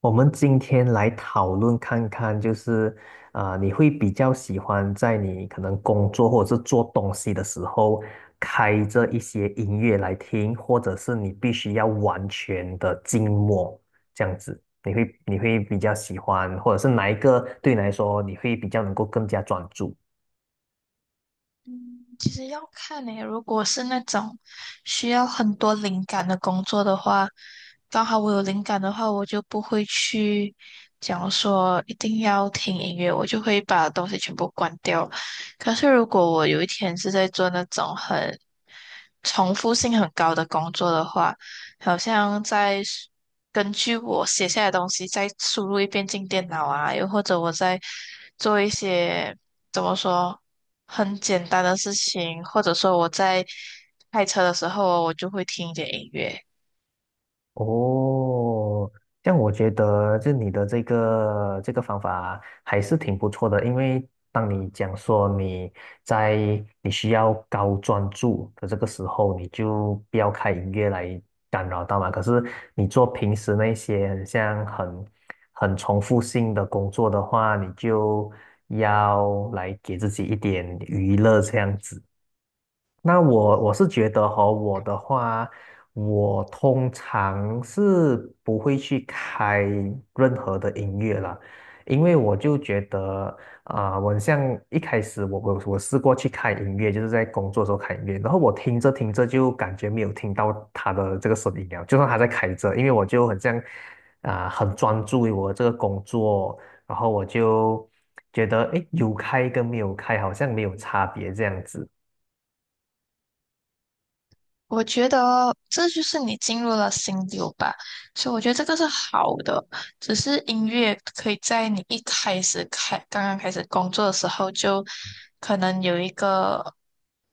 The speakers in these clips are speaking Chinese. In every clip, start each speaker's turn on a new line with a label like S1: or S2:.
S1: 我们今天来讨论看看，就是你会比较喜欢在你可能工作或者是做东西的时候，开着一些音乐来听，或者是你必须要完全的静默这样子，你会比较喜欢，或者是哪一个对你来说你会比较能够更加专注？
S2: 嗯，其实要看呢、如果是那种需要很多灵感的工作的话，刚好我有灵感的话，我就不会去讲说一定要听音乐，我就会把东西全部关掉。可是如果我有一天是在做那种很重复性很高的工作的话，好像在根据我写下来的东西再输入一遍进电脑啊，又或者我在做一些怎么说很简单的事情，或者说我在开车的时候我就会听一点音乐。
S1: 哦，这样我觉得就你的这个方法还是挺不错的，因为当你讲说你在你需要高专注的这个时候，你就不要开音乐来干扰到嘛。可是你做平时那些很像很重复性的工作的话，你就要来给自己一点娱乐这样子。那我是觉得哈，我的话，我通常是不会去开任何的音乐啦，因为我就觉得我很像一开始我试过去开音乐，就是在工作的时候开音乐，然后我听着听着就感觉没有听到他的这个声音了，就算他在开着，因为我就很像很专注于我这个工作，然后我就觉得诶，有开跟没有开好像没有差别这样子。
S2: 我觉得这就是你进入了心流吧，所以我觉得这个是好的。只是音乐可以在你一开始开开始工作的时候，就可能有一个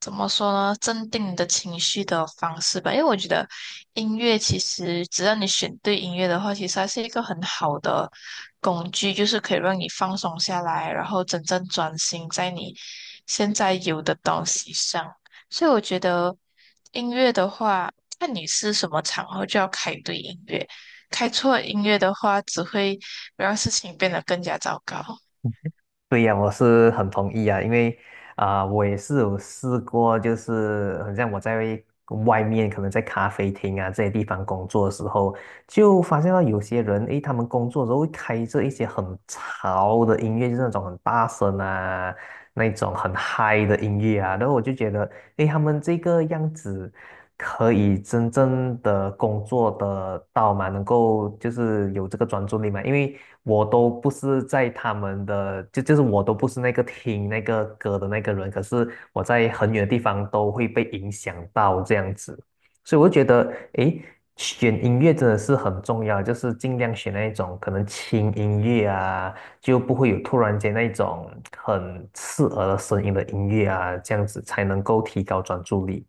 S2: 怎么说呢，镇定你的情绪的方式吧。因为我觉得音乐其实只要你选对音乐的话，其实它是一个很好的工具，就是可以让你放松下来，然后真正专心在你现在有的东西上。所以我觉得，音乐的话，看你是什么场合就要开对音乐，开错音乐的话，只会让事情变得更加糟糕。
S1: 对呀，我是很同意啊，因为我也是有试过，就是很像我在外面，可能在咖啡厅啊这些地方工作的时候，就发现到有些人，诶，他们工作的时候会开着一些很潮的音乐，就是那种很大声啊，那种很嗨的音乐啊，然后我就觉得，诶，他们这个样子可以真正的工作的到吗？能够就是有这个专注力吗？因为我都不是在他们的，就是我都不是那个听那个歌的那个人，可是我在很远的地方都会被影响到这样子，所以我就觉得，诶，选音乐真的是很重要，就是尽量选那一种可能轻音乐啊，就不会有突然间那种很刺耳的声音的音乐啊，这样子才能够提高专注力。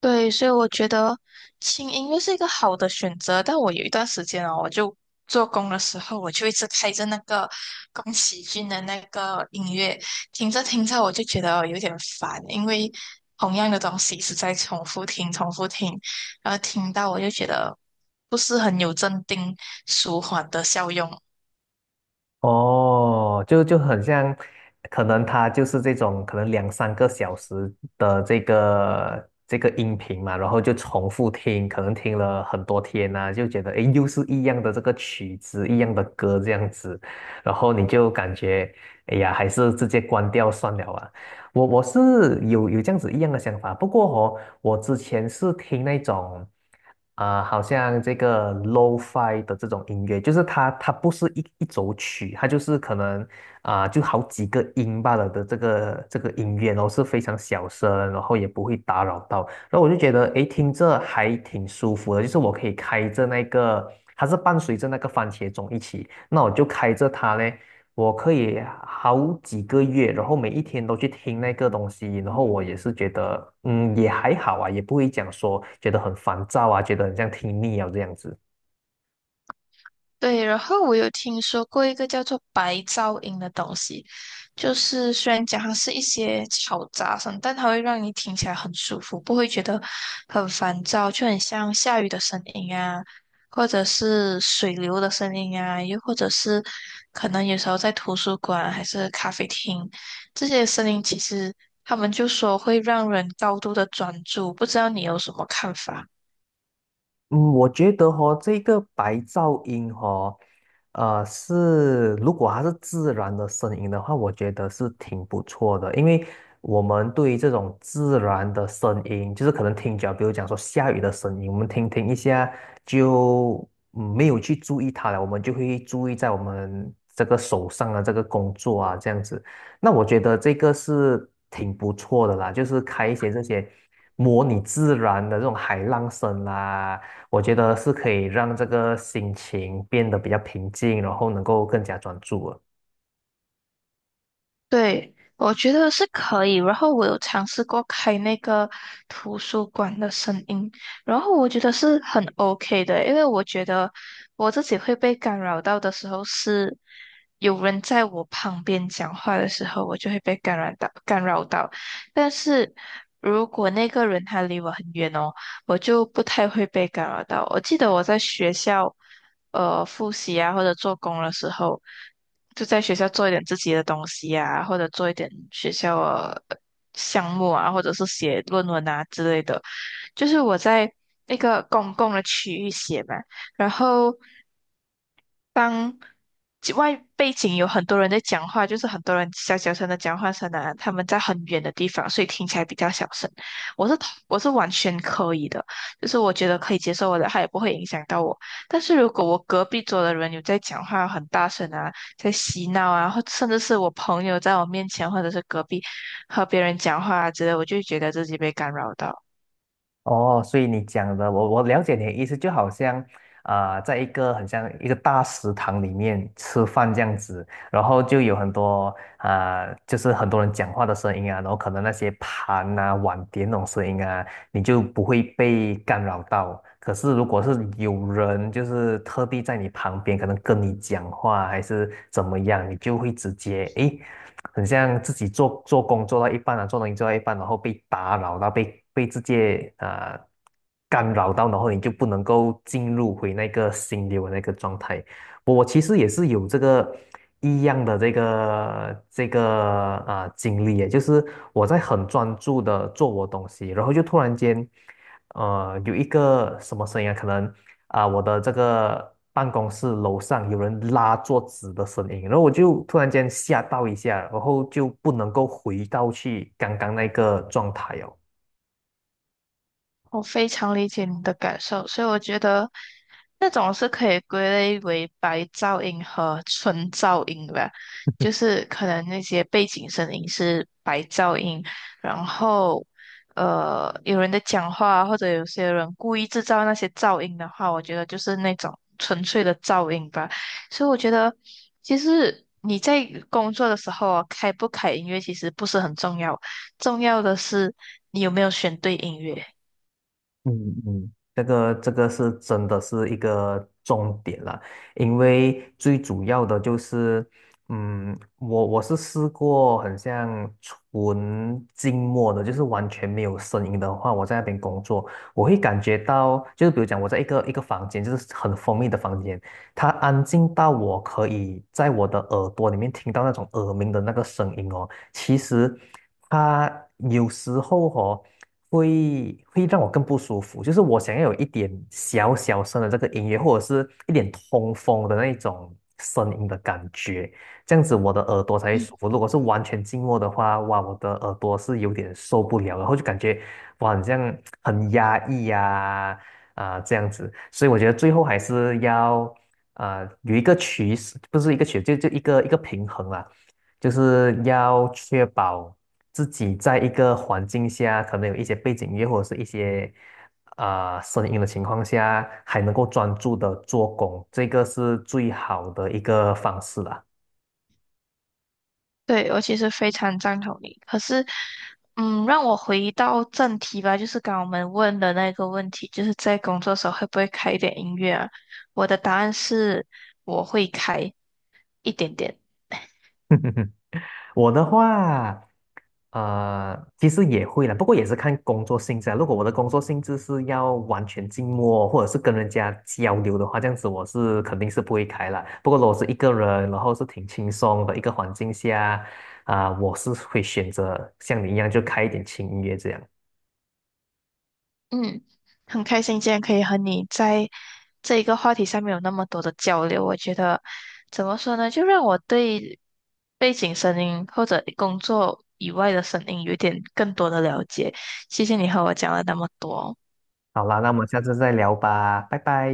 S2: 对，所以我觉得轻音乐是一个好的选择，但我有一段时间哦，我就做工的时候，我就一直开着那个宫崎骏的那个音乐，听着听着我就觉得有点烦，因为同样的东西一直在重复听、重复听，然后听到我就觉得不是很有镇定舒缓的效用。
S1: 哦，就很像，可能他就是这种可能两三个小时的这个音频嘛，然后就重复听，可能听了很多天呐，就觉得诶，又是一样的这个曲子，一样的歌这样子，然后你就感觉，哎呀，还是直接关掉算了啊。我是有这样子一样的想法，不过哦，我之前是听那种，好像这个 lo-fi 的这种音乐，就是它不是一首曲，它就是可能就好几个音罢了的这个音乐，然后是非常小声，然后也不会打扰到，然后我就觉得诶，听着还挺舒服的，就是我可以开着那个，它是伴随着那个番茄钟一起，那我就开着它呢。我可以好几个月，然后每一天都去听那个东西，然后我也是觉得，嗯，也还好啊，也不会讲说觉得很烦躁啊，觉得很像听腻啊这样子。
S2: 对，然后我有听说过一个叫做白噪音的东西，就是虽然讲它是一些嘈杂声，但它会让你听起来很舒服，不会觉得很烦躁，就很像下雨的声音啊，或者是水流的声音啊，又或者是可能有时候在图书馆还是咖啡厅，这些声音其实他们就说会让人高度的专注，不知道你有什么看法？
S1: 嗯，我觉得哈，这个白噪音哈，是如果它是自然的声音的话，我觉得是挺不错的，因为我们对于这种自然的声音，就是可能听久了比如讲说下雨的声音，我们听一下就嗯没有去注意它了，我们就会注意在我们这个手上的这个工作啊，这样子。那我觉得这个是挺不错的啦，就是开一些这些模拟自然的这种海浪声啦。我觉得是可以让这个心情变得比较平静，然后能够更加专注了。
S2: 对，我觉得是可以。然后我有尝试过开那个图书馆的声音，然后我觉得是很 OK 的，因为我觉得我自己会被干扰到的时候是有人在我旁边讲话的时候，我就会被干扰到。但是如果那个人他离我很远哦，我就不太会被干扰到。我记得我在学校复习啊或者做工的时候，就在学校做一点自己的东西啊，或者做一点学校的项目啊，或者是写论文啊之类的。就是我在那个公共的区域写嘛，然后当外背景有很多人在讲话，就是很多人小小声的讲话声啊，他们在很远的地方，所以听起来比较小声。我是我是完全可以的，就是我觉得可以接受我的，它也不会影响到我。但是如果我隔壁桌的人有在讲话很大声啊，在嬉闹啊，或甚至是我朋友在我面前，或者是隔壁和别人讲话啊之类，我就会觉得自己被干扰到。
S1: 哦，所以你讲的，我了解你的意思，就好像，啊，在一个很像一个大食堂里面吃饭这样子，然后就有很多就是很多人讲话的声音啊，然后可能那些盘啊、碗碟那种声音啊，你就不会被干扰到。可是如果是有人就是特地在你旁边，可能跟你讲话还是怎么样，你就会直接诶。很像自己做工做到一半啊，做东西做到一半，然后被打扰到，被直接干扰到，然后你就不能够进入回那个心流的那个状态。我其实也是有这个一样的这个经历耶，就是我在很专注的做我东西，然后就突然间，有一个什么声音啊，可能我的这个办公室楼上有人拉桌子的声音，然后我就突然间吓到一下，然后就不能够回到去刚刚那个状态哦。
S2: 我非常理解你的感受，所以我觉得那种是可以归类为白噪音和纯噪音吧，就是可能那些背景声音是白噪音，然后有人在讲话或者有些人故意制造那些噪音的话，我觉得就是那种纯粹的噪音吧。所以我觉得其实你在工作的时候啊，开不开音乐其实不是很重要，重要的是你有没有选对音乐。
S1: 嗯嗯，这个是真的是一个重点了，因为最主要的就是，嗯，我是试过很像纯静默的，就是完全没有声音的话，我在那边工作，我会感觉到，就是比如讲我在一个房间，就是很封闭的房间，它安静到我可以在我的耳朵里面听到那种耳鸣的那个声音哦，其实它有时候哦。会让我更不舒服，就是我想要有一点小小声的这个音乐，或者是一点通风的那种声音的感觉，这样子我的耳朵才会舒服。如果是完全静默的话，哇，我的耳朵是有点受不了，然后就感觉哇，好像很压抑呀、啊，这样子。所以我觉得最后还是要有一个取舍，不是一个取，就一个一个平衡啦。就是要确保自己在一个环境下，可能有一些背景音乐或者是一些声音的情况下，还能够专注的做工，这个是最好的一个方式啦。
S2: 对，我其实非常赞同你。可是，嗯，让我回到正题吧，就是刚刚我们问的那个问题，就是在工作时候会不会开一点音乐啊？我的答案是我会开一点点。
S1: 我的话，其实也会了，不过也是看工作性质啊。如果我的工作性质是要完全静默，或者是跟人家交流的话，这样子我是肯定是不会开了。不过如果是一个人，然后是挺轻松的一个环境下，我是会选择像你一样就开一点轻音乐这样。
S2: 嗯，很开心今天可以和你在这一个话题上面有那么多的交流。我觉得怎么说呢，就让我对背景声音或者工作以外的声音有一点更多的了解。谢谢你和我讲了那么多。
S1: 好啦，那我们下次再聊吧，拜拜。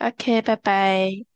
S2: OK，拜拜。